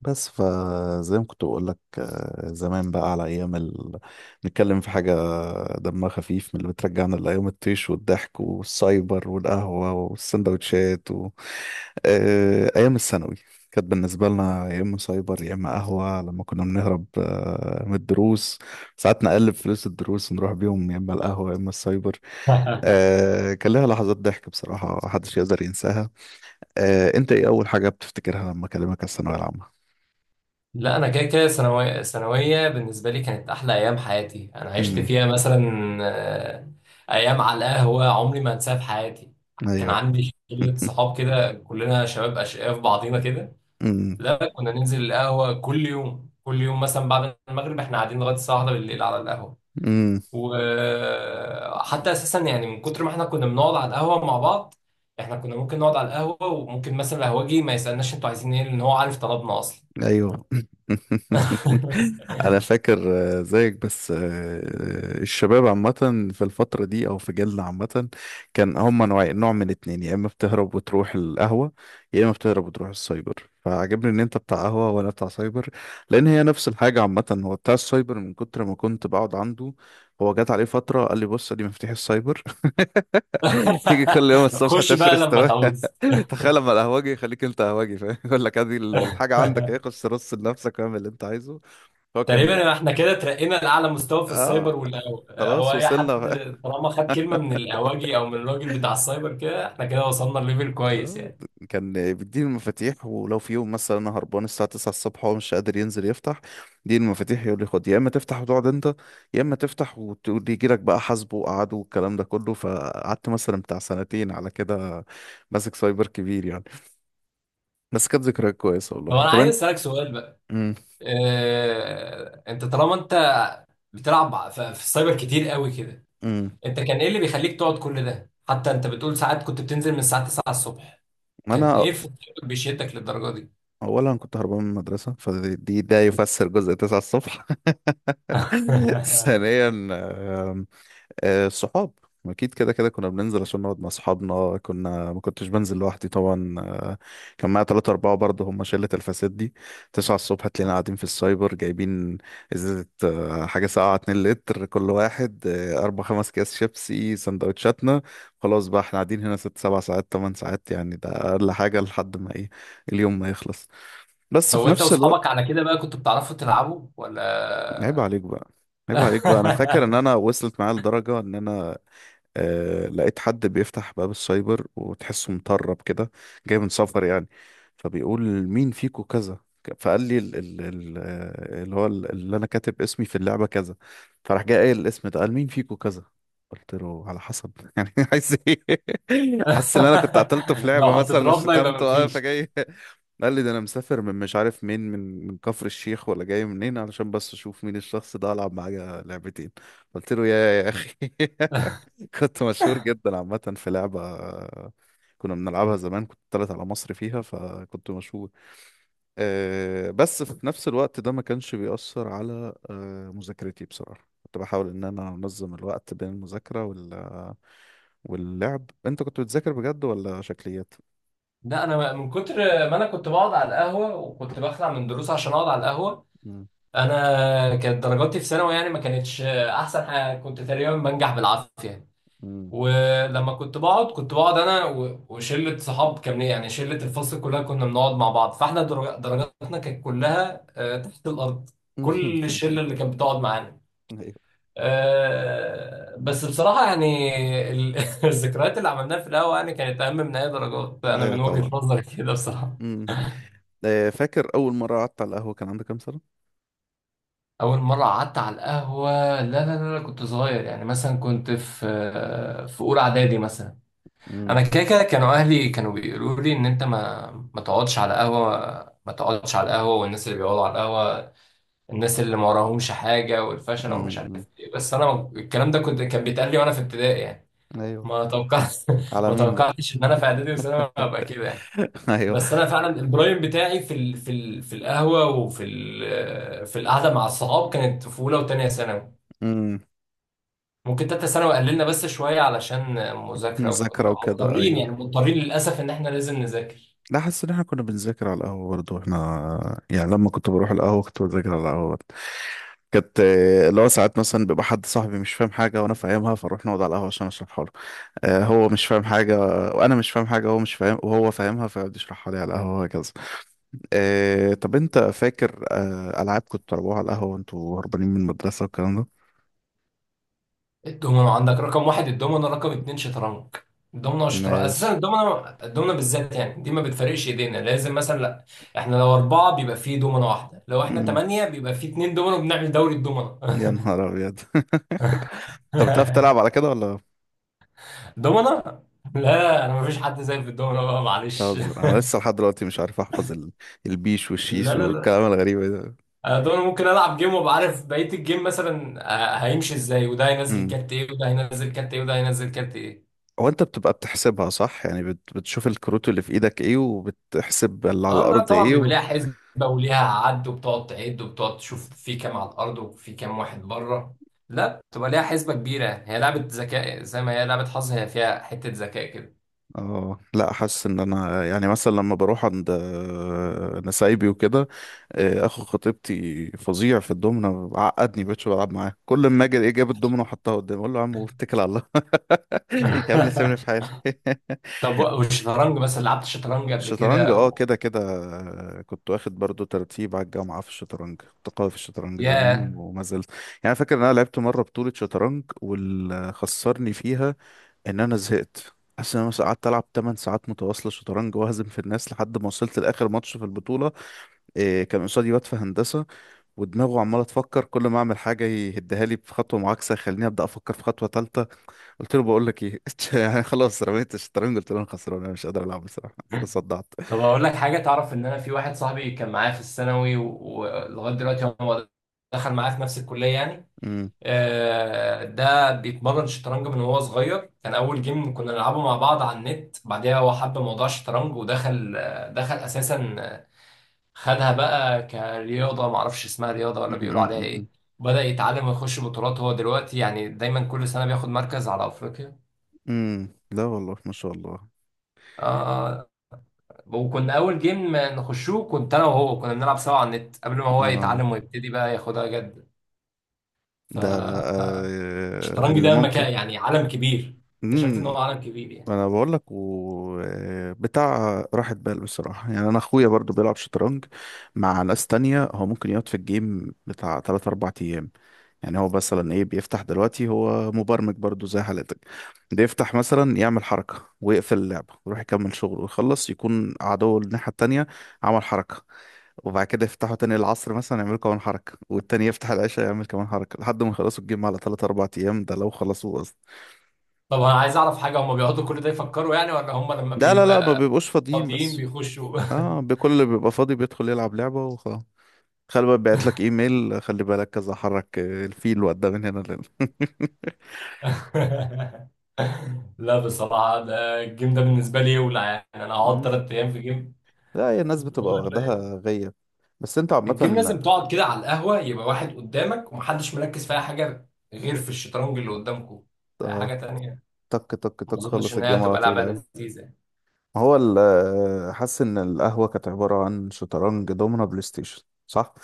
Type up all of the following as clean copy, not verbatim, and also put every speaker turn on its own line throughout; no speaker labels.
بس فزي ما كنت بقول لك، زمان بقى على ايام نتكلم في حاجه دمها خفيف، من اللي بترجعنا لايام الطيش والضحك والسايبر والقهوه والسندوتشات ايام الثانوي. كانت بالنسبه لنا يا اما سايبر يا اما قهوه، لما كنا بنهرب من الدروس. ساعات نقلب فلوس الدروس ونروح بيهم يا اما القهوه يا اما السايبر. كان لها لحظات ضحك، بصراحه محدش يقدر ينساها. انت ايه اول حاجه بتفتكرها لما اكلمك على الثانويه
لا انا كده كده ثانويه ثانويه بالنسبه لي كانت احلى ايام حياتي انا عشت
العامه؟
فيها مثلا آه، ايام على القهوه عمري ما انساها في حياتي. كان
ايوه
عندي شله صحاب كده، كلنا شباب اشقياء في بعضينا كده.
امم
لا كنا ننزل القهوه كل يوم كل يوم، مثلا بعد المغرب احنا قاعدين لغايه الساعه 1 بالليل على القهوه.
امم.
وحتى اساسا يعني من كتر ما احنا كنا بنقعد على القهوه مع بعض، احنا كنا ممكن نقعد على القهوه وممكن مثلا القهوجي ما يسالناش انتوا عايزين ايه، لان هو عارف طلبنا اصلا.
ايوه انا فاكر. زيك. بس الشباب عامه، في الفتره دي او في جيلنا عامه، كان هم نوعين، نوع من اتنين، يا اما بتهرب وتروح القهوه يا اما بتهرب وتروح السايبر. فعجبني ان انت بتاع قهوه وانا بتاع سايبر، لان هي نفس الحاجه عامه. هو بتاع السايبر، من كتر ما كنت بقعد عنده هو جات عليه فتره قال لي، بص دي مفاتيح السايبر، تيجي كل يوم الصبح
خش بقى
تفرس،
لما تعوز.
تخيل لما القهوجي يخليك انت قهوجي، فاهم؟ يقول لك ادي الحاجه عندك، ايه، خش رص لنفسك واعمل اللي انت عايزه. هو كان
تقريبا احنا كده ترقينا لأعلى مستوى في
اه،
السايبر هو
خلاص
أي حد
وصلنا بقى.
طالما خد كلمة من الأواجي أو من الراجل بتاع السايبر كده، احنا كده وصلنا لليفل كويس
آه،
يعني.
كان بيديني المفاتيح، ولو في يوم مثلا انا هربان الساعه 9 الصبح وهو مش قادر ينزل يفتح، يديني المفاتيح يقول لي خد، يا اما تفتح وتقعد انت، يا اما تفتح وتقول لي يجي لك بقى حاسبه وقعده والكلام ده كله. فقعدت مثلا بتاع سنتين على كده، ماسك سايبر كبير يعني. بس كانت ذكريات كويسه
طب
والله.
أنا
طب
عايز
انت؟
أسألك سؤال بقى. اه... أنت طالما أنت بتلعب في السايبر كتير قوي كده،
امم
أنت كان إيه اللي بيخليك تقعد كل ده؟ حتى أنت بتقول ساعات كنت بتنزل من الساعة 9 الصبح، كان
انا
إيه في السايبر بيشدك للدرجة دي؟
اولا كنت هربان من المدرسه، فدي ده يفسر جزء 9 الصبح. ثانيا الصحاب، اكيد كده كده كنا بننزل عشان نقعد مع اصحابنا، كنا ما كنتش بنزل لوحدي طبعا. كان معايا ثلاثة أربعة برضه، هم شلة الفساد دي. 9 الصبح تلاقينا قاعدين في السايبر جايبين ازازة حاجة ساقعة 2 لتر كل واحد، أربع خمس أكياس شيبسي، سندوتشاتنا. خلاص بقى احنا قاعدين هنا 6 7 ساعات 8 ساعات يعني، ده أقل حاجة، لحد ما ايه، اليوم ما يخلص. بس في
هو انت
نفس
واصحابك
الوقت،
على كده بقى كنتوا بتعرفوا تلعبوا
عيب
ولا
عليك بقى، عيب عليك بقى. أنا فاكر إن أنا وصلت معايا لدرجة إن أنا، آه لقيت حد بيفتح باب السايبر وتحسه مطرب كده، جاي من سفر يعني، فبيقول مين فيكو كذا، فقال لي ال ال ال اللي هو اللي انا كاتب اسمي في اللعبة كذا، فراح جاي قايل الاسم ده، قال مين فيكو كذا. قلت له على حسب، يعني عايز ايه؟ حاسس ان انا كنت قتلته في
لو
لعبة مثلا
هتضربنا يبقى
وشتمته، اه
مفيش.
فجاي. قال لي ده انا مسافر من، مش عارف مين، من كفر الشيخ ولا جاي منين، علشان بس اشوف مين الشخص ده العب معاه لعبتين. قلت له يا اخي. كنت مشهور جدا عامة في لعبة كنا بنلعبها زمان، كنت طلعت على مصر فيها فكنت مشهور. أه بس في نفس الوقت ده ما كانش بيأثر على أه مذاكرتي، بصراحة كنت بحاول إن أنا أنظم الوقت بين المذاكرة وال... واللعب. أنت كنت بتذاكر بجد ولا شكليات؟
لا انا من كتر ما انا كنت بقعد على القهوه، وكنت بخلع من دروس عشان اقعد على القهوه.
مم.
انا كانت درجاتي في ثانوي يعني ما كانتش احسن حاجه، كنت تقريبا بنجح بالعافيه يعني.
مم.
ولما كنت بقعد كنت بقعد انا وشله صحاب، كان يعني شله الفصل كلها كنا بنقعد مع بعض، فاحنا درجاتنا كانت كلها تحت الارض. كل الشله اللي كانت بتقعد معانا
أيوه.
بس بصراحة يعني الذكريات اللي عملناها في القهوة يعني كانت أهم من أي درجات، أنا
أيوه
من وجهة
طبعا.
نظري كده بصراحة.
مم. فاكر أول مرة قعدت على القهوة كان عندك كام سنة؟
أول مرة قعدت على القهوة؟ لا لا لا لا، كنت صغير، يعني مثلا كنت في في أولى إعدادي مثلا. أنا
مم.
كده كده كانوا أهلي كانوا بيقولوا لي إن أنت ما تقعدش على قهوة، ما تقعدش على القهوة، والناس اللي بيقعدوا على القهوة الناس اللي ما وراهمش حاجة والفشل
مم.
ومش عارف
مم.
إيه، بس أنا الكلام ده كنت كان بيتقال لي وأنا في ابتدائي يعني.
أيوه.
ما توقعت،
على
ما
مين بقى؟
توقعتش ان انا في اعدادي وثانوي هبقى كده يعني. بس انا فعلا البرايم بتاعي في القهوه وفي ال... في القعده مع الصحاب كانت في اولى وثانيه ثانوي.
أيوه،
ممكن تالتة ثانوي قللنا بس شويه علشان مذاكره،
مذاكرة
وكنا
وكده،
مضطرين
أيوة.
يعني مضطرين للاسف ان احنا لازم نذاكر.
لا حاسس إن إحنا كنا بنذاكر على القهوة برضه. إحنا يعني لما كنت بروح القهوة كنت بذاكر على القهوة برضه. كانت اللي هو ساعات مثلا بيبقى حد صاحبي مش فاهم حاجة وأنا فاهمها، فأروح نقعد على القهوة عشان أشرحها له. هو مش فاهم حاجة وأنا مش فاهم حاجة، هو مش فاهم وهو فاهمها، فيقعد يشرحها لي على القهوة وهكذا. طب أنت فاكر ألعاب كنت بتلعبوها على القهوة وأنتوا هربانين من المدرسة والكلام ده؟
الدومينو عندك رقم واحد، الدومينو رقم اتنين شطرنج. الدومينو والشطرنج اساسا،
ماشي.
الدومينو الدومينو بالذات يعني دي ما بتفرقش ايدينا، لازم مثلا لا، احنا لو اربعه بيبقى فيه دومينو واحده، لو احنا
مم.
ثمانيه بيبقى فيه اتنين دومينو، بنعمل دوري الدومينو.
يا نهار أبيض. طب بتعرف تلعب على كده ولا
دومنا. لا انا مفيش حد زي في الدومنا بقى معلش.
تهزر؟ انا لسه لحد دلوقتي مش عارف احفظ البيش والشيش
لا لا لا،
والكلام الغريب ده.
انا دومنا ممكن العب جيم وابقى عارف بقيه الجيم مثلا، هيمشي ازاي وده هينزل
امم
كارت ايه وده هينزل كارت ايه وده هينزل كارت ايه.
هو انت بتبقى بتحسبها صح يعني، بتشوف الكروت اللي في ايدك ايه وبتحسب اللي على
اه لا
الارض
طبعا
ايه
بيبقى
و
ليها حسبه وليها عد، وبتقعد تعد وبتقعد تشوف في كام على الارض وفي كام واحد بره. لا بتبقى ليها حسبه كبيره، هي لعبه ذكاء زي ما هي لعبه حظ، هي فيها حته ذكاء كده.
اه لا، حاسس ان انا يعني مثلا لما بروح عند نسايبي وكده، اخو خطيبتي فظيع في الدومنه، عقدني، بقتش بلعب معاه. كل ما اجي ايه، جاب الدومنه وحطها قدامي، اقول له يا عم واتكل على الله، يا ابني سيبني في حالي.
طب والشطرنج مثلا، لعبت الشطرنج قبل
الشطرنج؟
كده
اه
أو...
كده كده. كنت واخد برضو ترتيب على الجامعة في الشطرنج، كنت قوي في الشطرنج زمان
ياه.
وما زلت يعني. فاكر ان انا لعبت مرة بطولة شطرنج واللي خسرني فيها ان انا زهقت. حاسس ان انا مثلا قعدت العب 8 ساعات متواصلة شطرنج، واهزم في الناس لحد ما وصلت لاخر ماتش في البطولة. إيه، كان قصادي واد في هندسة ودماغه عمالة تفكر، كل ما اعمل حاجة يهدها لي في خطوة معاكسة، يخليني ابدا افكر في خطوة ثالثة. قلت له بقول لك ايه، يعني خلاص رميت الشطرنج، قلت له انا خسران انا مش قادر العب، بصراحة تصدعت.
طب اقول لك حاجه؟ تعرف ان انا في واحد صاحبي كان معايا في الثانوي ولغايه دلوقتي هو دخل معايا في نفس الكليه يعني. ده بيتمرن شطرنج من وهو صغير، كان اول جيم كنا نلعبه مع بعض على النت، بعدها هو حب موضوع الشطرنج ودخل، دخل اساسا، خدها بقى كرياضه، ما اعرفش اسمها رياضه ولا
أمم،
بيقولوا
أمم،
عليها
أمم،
ايه. بدأ يتعلم ويخش بطولات، هو دلوقتي يعني دايما كل سنه بياخد مركز على افريقيا.
أمم. لا والله، ما شاء الله.
اه. وكنا اول جيم ما نخشوه كنت انا وهو، كنا بنلعب سوا على النت قبل ما هو
اه.
يتعلم ويبتدي بقى ياخدها جد.
ده
فالشطرنج
آه. اللي
ده
ممكن.
مكان يعني عالم كبير، اكتشفت ان
أمم،
هو عالم كبير يعني.
انا بقول لك و بتاع راحة بال بصراحة يعني. انا اخويا برضو بيلعب شطرنج مع ناس تانية، هو ممكن يقعد في الجيم بتاع 3 4 ايام يعني. هو مثلا ايه، بيفتح دلوقتي، هو مبرمج برضو زي حالتك، بيفتح مثلا يعمل حركة ويقفل اللعبة ويروح يكمل شغله ويخلص، يكون عدو الناحية التانية عمل حركة، وبعد كده يفتحوا تاني العصر مثلا يعملوا كمان حركة، والتاني يفتح العشاء يعمل كمان حركة، لحد ما يخلصوا الجيم على 3 4 أيام، ده لو خلصوه أصلا.
طب انا عايز اعرف حاجه، هم بيقعدوا كل ده يفكروا يعني ولا هم لما
لا لا لا، ما
بيبقى
بيبقوش فاضيين
فاضيين
بس.
بيخشوا؟
اه، بكل اللي بيبقى فاضي بيدخل يلعب لعبة وخلاص. خلي بالك بعت لك ايميل، خلي بالك كذا، حرك الفيل وقدام من هنا لهنا.
لا بصراحه ده الجيم ده بالنسبه لي يولع يعني، انا هقعد
مم.
ثلاث ايام في جيم؟
لا هي الناس بتبقى واخداها غية. بس انت عامة.
الجيم لازم تقعد كده على القهوة، يبقى واحد قدامك ومحدش مركز في أي حاجة غير في الشطرنج اللي قدامكم، أي
آه،
حاجة تانية
تك تك
ما
تك،
أظنش
خلص
إن هي
الجيم على
هتبقى
طول
لعبة
اهي.
لذيذة يعني.
هو حاسس ان القهوة كانت عبارة عن شطرنج، دومنا، بلاي ستيشن، صح؟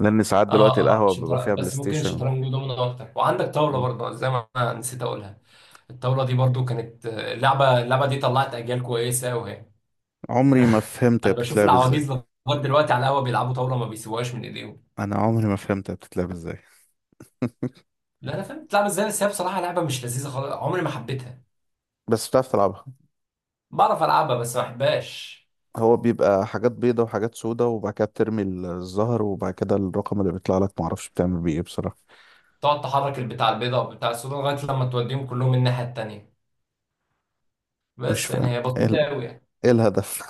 لان ساعات دلوقتي
آه آه
القهوه بيبقى فيها بلاي
بس ممكن
ستيشن.
الشطرنج دومينو أكتر، وعندك طاولة
مم.
برضه زي ما أنا نسيت أقولها. الطاولة دي برضه كانت اللعبة اللعبة دي طلعت أجيال كويسة، وهي
عمري ما فهمت هي
أنا بشوف
بتتلعب ازاي.
العواجيز لغاية دلوقتي على القهوة بيلعبوا طاولة ما بيسيبوهاش من إيديهم.
انا عمري ما فهمت هي بتتلعب ازاي.
لا أنا فاهم بتلعب إزاي، بس هي بصراحة لعبة مش لذيذة خالص، عمري ما حبيتها.
بس بتعرف تلعبها؟
بعرف ألعبها بس ما أحبهاش.
هو بيبقى حاجات بيضة وحاجات سودة، وبعد كده بترمي الزهر، وبعد كده الرقم اللي بيطلع لك معرفش بتعمل بيه ايه بصراحة.
تقعد تحرك البتاع البيضاء والبتاع السوداء لغايه لما توديهم كلهم الناحيه التانيه،
مش
بس يعني
فاهم.
هي
ايه
بسيطه
ال-
قوي يعني.
إيه الهدف؟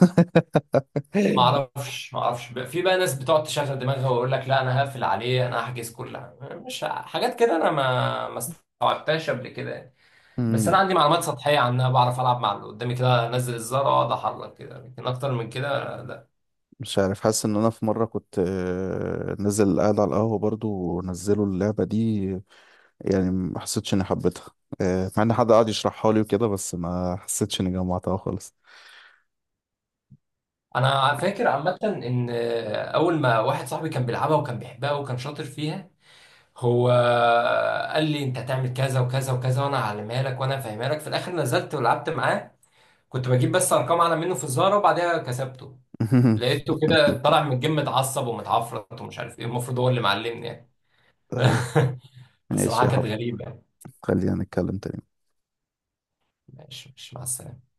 ما اعرفش ما اعرفش في بقى ناس بتقعد تشغل دماغها ويقول لك لا انا هقفل عليه انا هحجز كلها، مش ه- حاجات كده انا ما استوعبتهاش قبل كده يعني. بس
مم.
انا عندي معلومات سطحيه عنها، بعرف العب مع اللي قدامي كده، انزل الزر اقعد احرك كده، لكن اكتر من كده لا.
مش عارف، حاسس ان انا في مرة كنت نازل قاعد على القهوة برضو، ونزلوا اللعبة دي، يعني ما حسيتش اني حبيتها. مع ان حد قعد يشرحها لي وكده، بس ما حسيتش اني جمعتها خالص.
انا فاكر عامه ان اول ما واحد صاحبي كان بيلعبها وكان بيحبها وكان شاطر فيها، هو قال لي انت هتعمل كذا وكذا وكذا، وانا هعلمها لك وانا هفهمها لك. في الاخر نزلت ولعبت معاه، كنت بجيب بس ارقام اعلى منه في الزهره وبعدها كسبته. لقيته كده طالع من الجيم متعصب ومتعفرت ومش عارف ايه، المفروض هو اللي معلمني يعني.
ايوه. ماشي
بصراحه
يا
كانت
حب.
غريبه يعني.
خلينا نتكلم تاني.
ماشي ماشي مع السلامه.